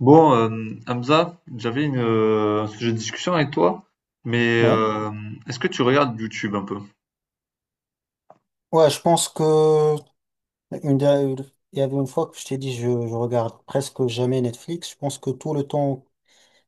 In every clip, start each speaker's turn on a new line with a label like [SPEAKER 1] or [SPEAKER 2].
[SPEAKER 1] Bon, euh, Hamza, j'avais un sujet de discussion avec toi, mais
[SPEAKER 2] Ouais.
[SPEAKER 1] est-ce que tu regardes YouTube un peu?
[SPEAKER 2] Ouais, je pense que une der- il y avait une fois que je t'ai dit je regarde presque jamais Netflix. Je pense que tout le temps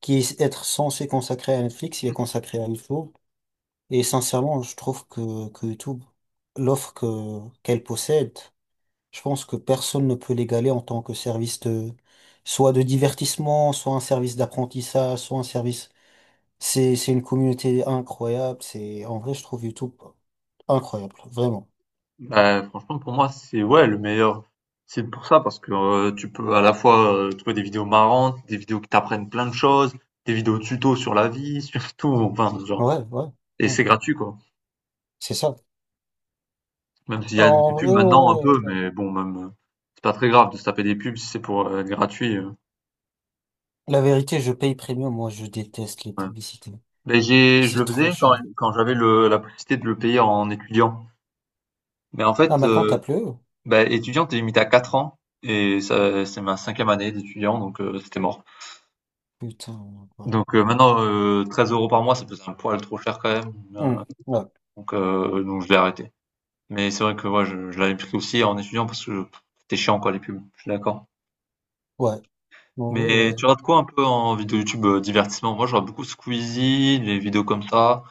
[SPEAKER 2] qui est être censé consacré à Netflix, il est consacré à YouTube. Et sincèrement, je trouve que YouTube, l'offre que qu'elle possède, je pense que personne ne peut l'égaler en tant que service de soit de divertissement, soit un service d'apprentissage, soit un service c'est une communauté incroyable. C'est, en vrai, je trouve YouTube incroyable. Vraiment.
[SPEAKER 1] Bah, franchement, pour moi, c'est ouais le meilleur site pour ça parce que tu peux à la fois trouver des vidéos marrantes, des vidéos qui t'apprennent plein de choses, des vidéos tuto sur la vie, surtout, enfin, genre,
[SPEAKER 2] Ouais, ouais,
[SPEAKER 1] et c'est
[SPEAKER 2] ouais.
[SPEAKER 1] gratuit quoi.
[SPEAKER 2] C'est ça.
[SPEAKER 1] Même s'il y a
[SPEAKER 2] En
[SPEAKER 1] des pubs maintenant un
[SPEAKER 2] vrai,
[SPEAKER 1] peu,
[SPEAKER 2] ouais.
[SPEAKER 1] mais bon, même c'est pas très grave de se taper des pubs si c'est pour être gratuit.
[SPEAKER 2] La vérité, je paye premium. Moi, je déteste les
[SPEAKER 1] Ouais.
[SPEAKER 2] publicités.
[SPEAKER 1] Mais je le
[SPEAKER 2] C'est trop
[SPEAKER 1] faisais
[SPEAKER 2] chiant.
[SPEAKER 1] quand j'avais la possibilité de le payer en étudiant. Mais en fait,
[SPEAKER 2] Ah, maintenant, t'as
[SPEAKER 1] heu,
[SPEAKER 2] plus? Eux.
[SPEAKER 1] bah, étudiant, t'es limité à 4 ans et ça c'est ma cinquième année d'étudiant donc c'était mort.
[SPEAKER 2] Putain. Ouais.
[SPEAKER 1] Donc maintenant, 13 € par mois, ça faisait un poil trop cher quand même,
[SPEAKER 2] Ouais.
[SPEAKER 1] donc je l'ai arrêté. Mais c'est vrai que moi je l'avais pris aussi en étudiant parce que c'était chiant quoi les pubs, je suis d'accord.
[SPEAKER 2] Ouais. En vrai,
[SPEAKER 1] Mais
[SPEAKER 2] ouais.
[SPEAKER 1] tu regardes quoi un peu en vidéo YouTube, divertissement? Moi, je regarde beaucoup Squeezie, les vidéos comme ça,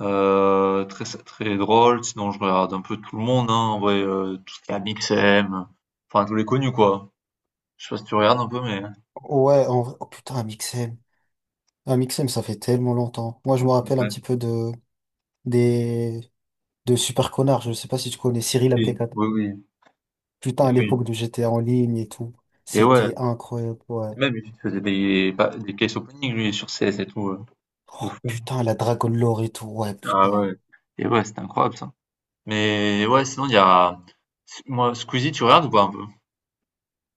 [SPEAKER 1] très très drôle. Sinon, je regarde un peu tout le monde, hein, en vrai, tout ce qui est Amixem, enfin tous les connus quoi. Je sais pas si tu regardes un peu, mais
[SPEAKER 2] Ouais, en vrai. Oh putain, un XM. Un XM, ça fait tellement longtemps. Moi, je me rappelle un
[SPEAKER 1] ouais.
[SPEAKER 2] petit peu des, de Super Connard. Je sais pas si tu connais Cyril mp.
[SPEAKER 1] Oui, oui, oui,
[SPEAKER 2] Putain,
[SPEAKER 1] et
[SPEAKER 2] à
[SPEAKER 1] oui,
[SPEAKER 2] l'époque de GTA en ligne et tout,
[SPEAKER 1] et ouais,
[SPEAKER 2] c'était incroyable, ouais.
[SPEAKER 1] et même il faisait des case opening lui sur CS et tout, de fou.
[SPEAKER 2] Putain, la Dragon Lore et tout, ouais,
[SPEAKER 1] Ah ouais,
[SPEAKER 2] putain.
[SPEAKER 1] et ouais, c'était incroyable ça. Mais ouais, sinon il y a, moi, Squeezie, tu regardes ou pas un peu?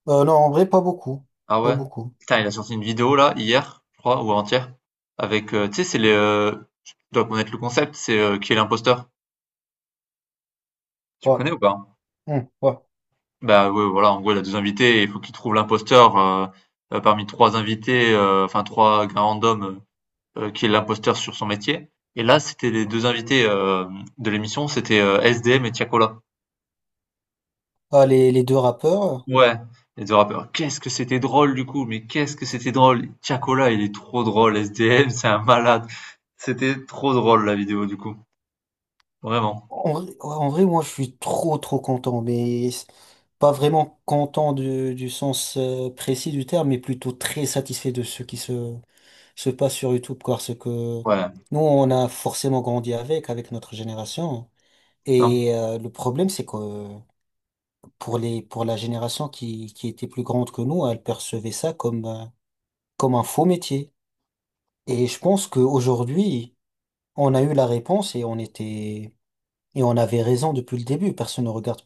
[SPEAKER 2] Non, en vrai, pas beaucoup.
[SPEAKER 1] Ah
[SPEAKER 2] Pas
[SPEAKER 1] ouais?
[SPEAKER 2] beaucoup.
[SPEAKER 1] Putain, il a sorti une vidéo là, hier, je crois, ou avant-hier, avec, tu sais, tu dois connaître le concept, c'est qui est l'imposteur. Tu
[SPEAKER 2] Ouais,
[SPEAKER 1] connais ou pas?
[SPEAKER 2] hmm, ouais.
[SPEAKER 1] Bah ouais, voilà, en gros, il a 2 invités, et il faut qu'il trouve l'imposteur parmi 3 invités, enfin 3 gars randoms, qui est l'imposteur sur son métier. Et là, c'était les 2 invités, de l'émission, c'était, SDM et Tiakola.
[SPEAKER 2] Ah, les deux rappeurs,
[SPEAKER 1] Ouais, les 2 rappeurs. Qu'est-ce que c'était drôle du coup, mais qu'est-ce que c'était drôle! Tiakola, il est trop drôle, SDM c'est un malade. C'était trop drôle la vidéo du coup, vraiment.
[SPEAKER 2] en vrai, ouais, en vrai, moi, je suis trop, trop content, mais c'est pas vraiment content du sens précis du terme, mais plutôt très satisfait de ce qui se passe sur YouTube, quoi, parce que
[SPEAKER 1] Ouais,
[SPEAKER 2] nous, on a forcément grandi avec notre génération.
[SPEAKER 1] putain,
[SPEAKER 2] Et le problème, c'est que pour la génération qui était plus grande que nous, elle percevait ça comme un faux métier. Et je pense qu'aujourd'hui, on a eu la réponse et et on avait raison depuis le début.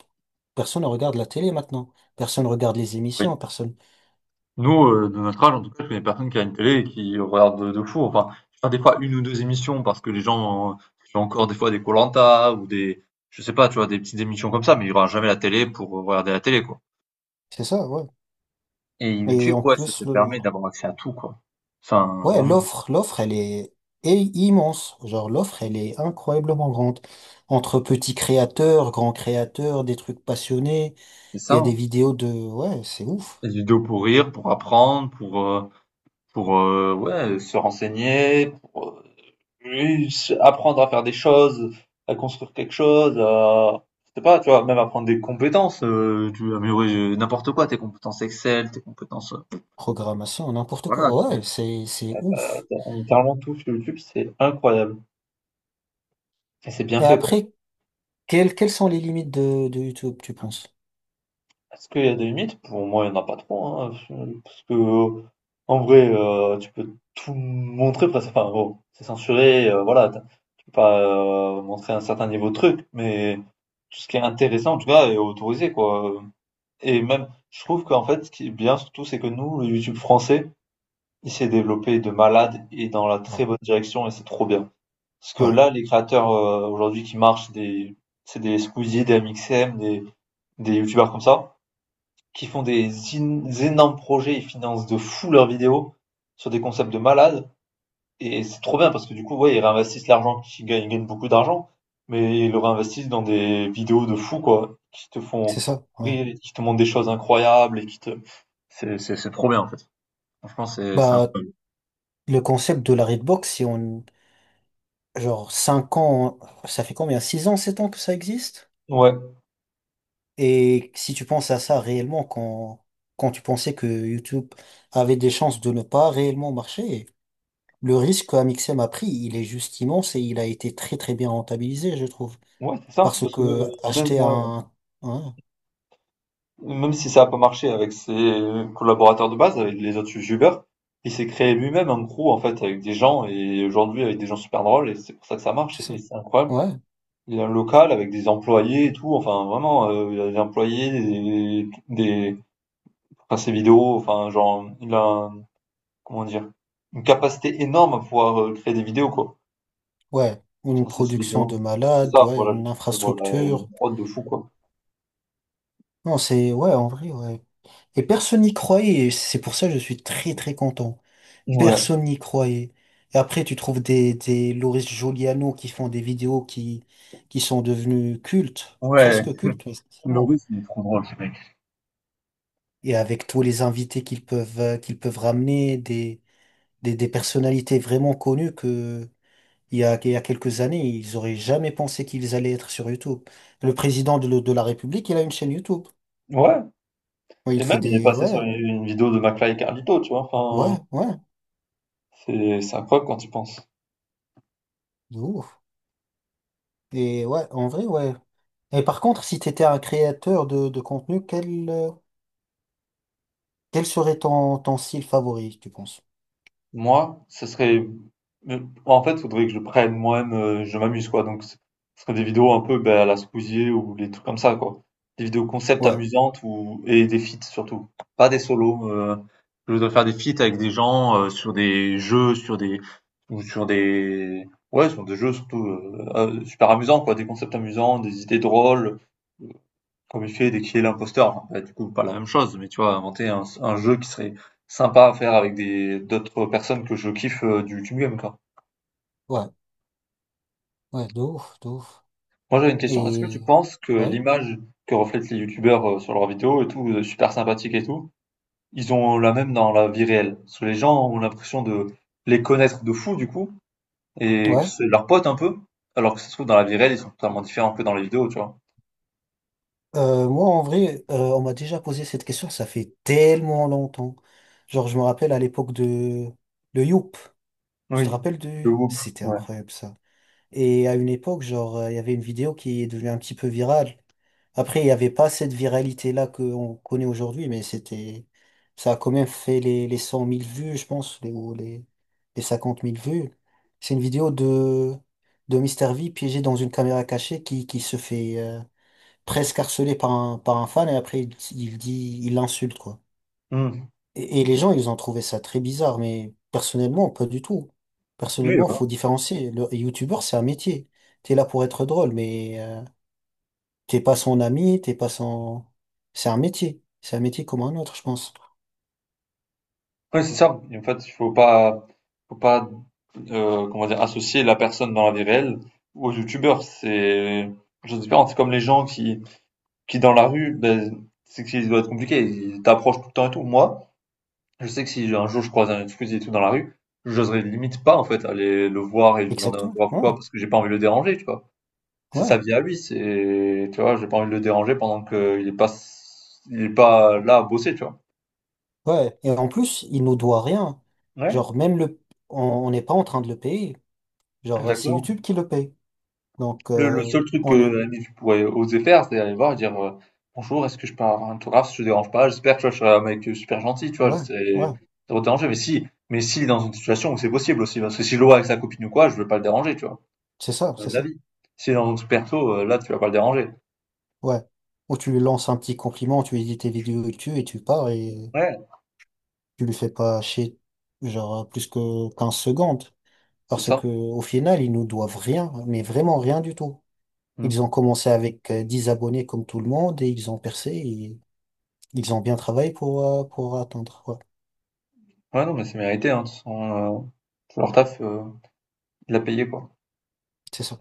[SPEAKER 2] Personne ne regarde la télé maintenant. Personne ne regarde les
[SPEAKER 1] oui.
[SPEAKER 2] émissions, personne.
[SPEAKER 1] Nous, de notre âge en tout cas, je connais personne qui a une télé et qui regarde de fou. Enfin, je regarde des fois une ou 2 émissions parce que les gens, font encore des fois des koh-lanta ou des je sais pas, tu vois, des petites émissions comme ça, mais il y aura jamais la télé pour regarder la télé, quoi.
[SPEAKER 2] C'est ça, ouais.
[SPEAKER 1] Et
[SPEAKER 2] Et
[SPEAKER 1] YouTube,
[SPEAKER 2] en
[SPEAKER 1] ouais, ça te
[SPEAKER 2] plus,
[SPEAKER 1] permet d'avoir accès à tout, quoi. Enfin, vraiment,
[SPEAKER 2] l'offre, est immense. Genre, l'offre, elle est incroyablement grande. Entre petits créateurs, grands créateurs, des trucs passionnés,
[SPEAKER 1] c'est
[SPEAKER 2] il
[SPEAKER 1] ça,
[SPEAKER 2] y a des
[SPEAKER 1] hein.
[SPEAKER 2] vidéos ouais, c'est ouf.
[SPEAKER 1] Des vidéos pour rire, pour apprendre, pour ouais, se renseigner, pour oui, se apprendre à faire des choses, à construire quelque chose, à je sais pas, tu vois, même apprendre des compétences, tu veux améliorer, n'importe quoi, tes compétences Excel, tes compétences,
[SPEAKER 2] Programmation, n'importe
[SPEAKER 1] voilà,
[SPEAKER 2] quoi. Ouais,
[SPEAKER 1] tu
[SPEAKER 2] c'est
[SPEAKER 1] as
[SPEAKER 2] ouf.
[SPEAKER 1] littéralement tout sur YouTube, c'est incroyable et c'est bien
[SPEAKER 2] Et
[SPEAKER 1] fait, quoi.
[SPEAKER 2] après, quelles sont les limites de YouTube, tu penses?
[SPEAKER 1] Est-ce qu'il y a des limites? Pour moi, il n'y en a pas trop, hein, parce que en vrai, tu peux tout montrer presque. Enfin, bon, c'est censuré, voilà, tu peux pas montrer un certain niveau de truc, mais tout ce qui est intéressant, en tout cas, est autorisé, quoi. Et même, je trouve qu'en fait, ce qui est bien surtout, c'est que nous, le YouTube français, il s'est développé de malade et dans la très
[SPEAKER 2] Ouais,
[SPEAKER 1] bonne direction, et c'est trop bien. Parce que
[SPEAKER 2] ouais,
[SPEAKER 1] là, les créateurs aujourd'hui qui marchent, c'est des Squeezie, des MXM, des YouTubeurs comme ça qui font des énormes projets, ils financent de fou leurs vidéos sur des concepts de malades. Et c'est trop bien parce que du coup, ouais, ils réinvestissent l'argent qu'ils gagnent, ils gagnent beaucoup d'argent, mais ils le réinvestissent dans des vidéos de fou, quoi, qui te font
[SPEAKER 2] c'est ça, ouais.
[SPEAKER 1] rire, et qui te montrent des choses incroyables et qui te. C'est trop bien en fait. Franchement, c'est
[SPEAKER 2] Bah,
[SPEAKER 1] incroyable.
[SPEAKER 2] le concept de la Redbox, si on, genre, 5 ans, ça fait combien? 6 ans, 7 ans que ça existe?
[SPEAKER 1] Ouais,
[SPEAKER 2] Et si tu penses à ça réellement quand tu pensais que YouTube avait des chances de ne pas réellement marcher, le risque qu'Amixem a pris, il est juste immense et il a été très très bien rentabilisé, je trouve.
[SPEAKER 1] ouais, c'est ça.
[SPEAKER 2] Parce
[SPEAKER 1] Parce que
[SPEAKER 2] que
[SPEAKER 1] même
[SPEAKER 2] acheter
[SPEAKER 1] moi,
[SPEAKER 2] un-
[SPEAKER 1] même si ça a pas marché avec ses collaborateurs de base, avec les autres youtubeurs, il s'est créé lui-même un crew en fait avec des gens et aujourd'hui avec des gens super drôles et c'est pour ça que ça marche
[SPEAKER 2] C'est
[SPEAKER 1] et
[SPEAKER 2] ça?
[SPEAKER 1] c'est incroyable.
[SPEAKER 2] Ouais,
[SPEAKER 1] Il y a un local avec des employés et tout, enfin vraiment, il y a des employés, enfin ses vidéos, enfin genre comment dire, une capacité énorme à pouvoir créer des vidéos quoi,
[SPEAKER 2] ouais.
[SPEAKER 1] pour
[SPEAKER 2] Une
[SPEAKER 1] financer ses
[SPEAKER 2] production
[SPEAKER 1] vidéos.
[SPEAKER 2] de
[SPEAKER 1] C'est
[SPEAKER 2] malade,
[SPEAKER 1] ça,
[SPEAKER 2] ouais,
[SPEAKER 1] voilà,
[SPEAKER 2] une
[SPEAKER 1] voilà, une
[SPEAKER 2] infrastructure.
[SPEAKER 1] prod de fou quoi.
[SPEAKER 2] Non, c'est, ouais, en vrai, ouais. Et personne n'y croyait, et c'est pour ça que je suis très très content.
[SPEAKER 1] Ouais.
[SPEAKER 2] Personne n'y croyait. Et après, tu trouves des Loris Giuliano qui font des vidéos qui sont devenues cultes, presque cultes, mais sincèrement.
[SPEAKER 1] Le-
[SPEAKER 2] Et avec tous les invités qu'ils peuvent ramener, des personnalités vraiment connues que, il y a quelques années, ils auraient jamais pensé qu'ils allaient être sur YouTube. Le président de la République, il a une chaîne YouTube.
[SPEAKER 1] ouais.
[SPEAKER 2] Ouais,
[SPEAKER 1] Et
[SPEAKER 2] il fait
[SPEAKER 1] même, il est
[SPEAKER 2] des.
[SPEAKER 1] passé sur
[SPEAKER 2] Ouais,
[SPEAKER 1] les- une vidéo de McFly et Carlito, tu vois.
[SPEAKER 2] ouais,
[SPEAKER 1] Enfin,
[SPEAKER 2] ouais,
[SPEAKER 1] c'est incroyable quand tu penses.
[SPEAKER 2] de ouf. Et ouais, en vrai, ouais. Et par contre, si tu étais un créateur de contenu, quel serait ton style favori, tu penses?
[SPEAKER 1] Moi, ce serait. euh, En fait, il faudrait que je prenne moi-même, je m'amuse, quoi. Donc, ce serait des vidéos un peu ben, à la Spousier ou des trucs comme ça, quoi. Des vidéos concept
[SPEAKER 2] Ouais,
[SPEAKER 1] amusantes ou... et des feats surtout. Pas des solos. Je dois faire des feats avec des gens sur des jeux, sur des. Ou sur des. Ouais, sur des jeux surtout, super amusants, quoi. Des concepts amusants, des idées drôles. Comme il fait dès qu'il est l'imposteur, enfin, bah, du coup, pas la même chose, mais tu vois, inventer un jeu qui serait sympa à faire avec des d'autres personnes que je kiffe du YouTube Game, quoi.
[SPEAKER 2] ouais, ouais, de ouf, de ouf.
[SPEAKER 1] Moi, j'avais une question. Est-ce que tu
[SPEAKER 2] Et.
[SPEAKER 1] penses que
[SPEAKER 2] Ouais,
[SPEAKER 1] l'image que reflètent les youtubeurs sur leurs vidéos et tout, super sympathique et tout, ils ont la même dans la vie réelle? Parce que les gens ont l'impression de les connaître de fou, du coup, et que
[SPEAKER 2] ouais.
[SPEAKER 1] c'est leurs potes un peu, alors que ça se trouve, dans la vie réelle, ils sont totalement différents que dans les vidéos, tu vois.
[SPEAKER 2] Moi, en vrai, on m'a déjà posé cette question, ça fait tellement longtemps. Genre, je me rappelle à l'époque de. Le Youp. Tu te
[SPEAKER 1] Oui,
[SPEAKER 2] rappelles de.
[SPEAKER 1] le groupe,
[SPEAKER 2] C'était
[SPEAKER 1] ouais.
[SPEAKER 2] incroyable ça. Et à une époque, genre, il y avait une vidéo qui est devenue un petit peu virale. Après, il n'y avait pas cette viralité-là qu'on connaît aujourd'hui, mais c'était. Ça a quand même fait les 100 000 vues, je pense, ou les 50 000 vues. C'est une vidéo de Mister V piégé dans une caméra cachée qui se fait presque harceler par un fan et après, il dit, il l'insulte, quoi.
[SPEAKER 1] Hmm.
[SPEAKER 2] Et les gens, ils ont trouvé ça très bizarre, mais personnellement, pas du tout.
[SPEAKER 1] Oui,
[SPEAKER 2] Personnellement,
[SPEAKER 1] voilà.
[SPEAKER 2] faut différencier. Le youtubeur, c'est un métier. T'es là pour être drôle, mais t'es pas son ami, t'es pas son. C'est un métier. C'est un métier comme un autre, je pense.
[SPEAKER 1] Ouais, c'est ça. Et en fait, il faut pas comment dire? Associer la personne dans la vie réelle aux youtubeurs. C'est chose différente. C'est comme les gens qui dans la rue, ben c'est que ça doit être compliqué, ils t'approchent tout le temps et tout. Moi, je sais que si un jour je croise un Squeezie et tout dans la rue, j'oserais limite pas en fait aller le voir et lui demander un
[SPEAKER 2] Exactement.
[SPEAKER 1] autographe ou
[SPEAKER 2] Ouais,
[SPEAKER 1] quoi, parce que j'ai pas envie de le déranger, tu vois? C'est sa
[SPEAKER 2] ouais,
[SPEAKER 1] vie à lui, c'est tu vois? J'ai pas envie de le déranger pendant qu'il est pas il est pas là à bosser, tu vois?
[SPEAKER 2] ouais. Et en plus, il nous doit rien.
[SPEAKER 1] Ouais,
[SPEAKER 2] Genre, même le. On on n'est pas en train de le payer. Genre, c'est
[SPEAKER 1] exactement.
[SPEAKER 2] YouTube qui le paye. Donc,
[SPEAKER 1] Le seul truc que
[SPEAKER 2] on est.
[SPEAKER 1] l'ami pourrait oser faire, c'est aller voir et dire Bonjour, est-ce que je peux avoir un autographe si je te dérange pas? J'espère, tu vois, je serai un mec super gentil, tu vois,
[SPEAKER 2] Ouais, ouais.
[SPEAKER 1] c'est ça va te déranger. Mais si, dans une situation où c'est possible aussi, parce que si je le vois avec sa copine ou quoi, je veux pas le déranger, tu vois,
[SPEAKER 2] C'est ça, c'est
[SPEAKER 1] de la
[SPEAKER 2] ça.
[SPEAKER 1] vie. Si dans un truc perso, là, tu vas pas le déranger.
[SPEAKER 2] Ouais. Ou tu lui lances un petit compliment, tu lui dis tes vidéos et tu pars et.
[SPEAKER 1] Ouais,
[SPEAKER 2] Tu le fais pas chez genre plus que 15 secondes
[SPEAKER 1] c'est
[SPEAKER 2] parce
[SPEAKER 1] ça.
[SPEAKER 2] que au final ils nous doivent rien mais vraiment rien du tout. Ils
[SPEAKER 1] Mm.
[SPEAKER 2] ont commencé avec 10 abonnés comme tout le monde et ils ont percé et ils ont bien travaillé pour atteindre. Ouais,
[SPEAKER 1] Ouais, non, mais c'est mérité, hein, de toute façon, leur taf, il l'a payé, quoi.
[SPEAKER 2] c'est ça.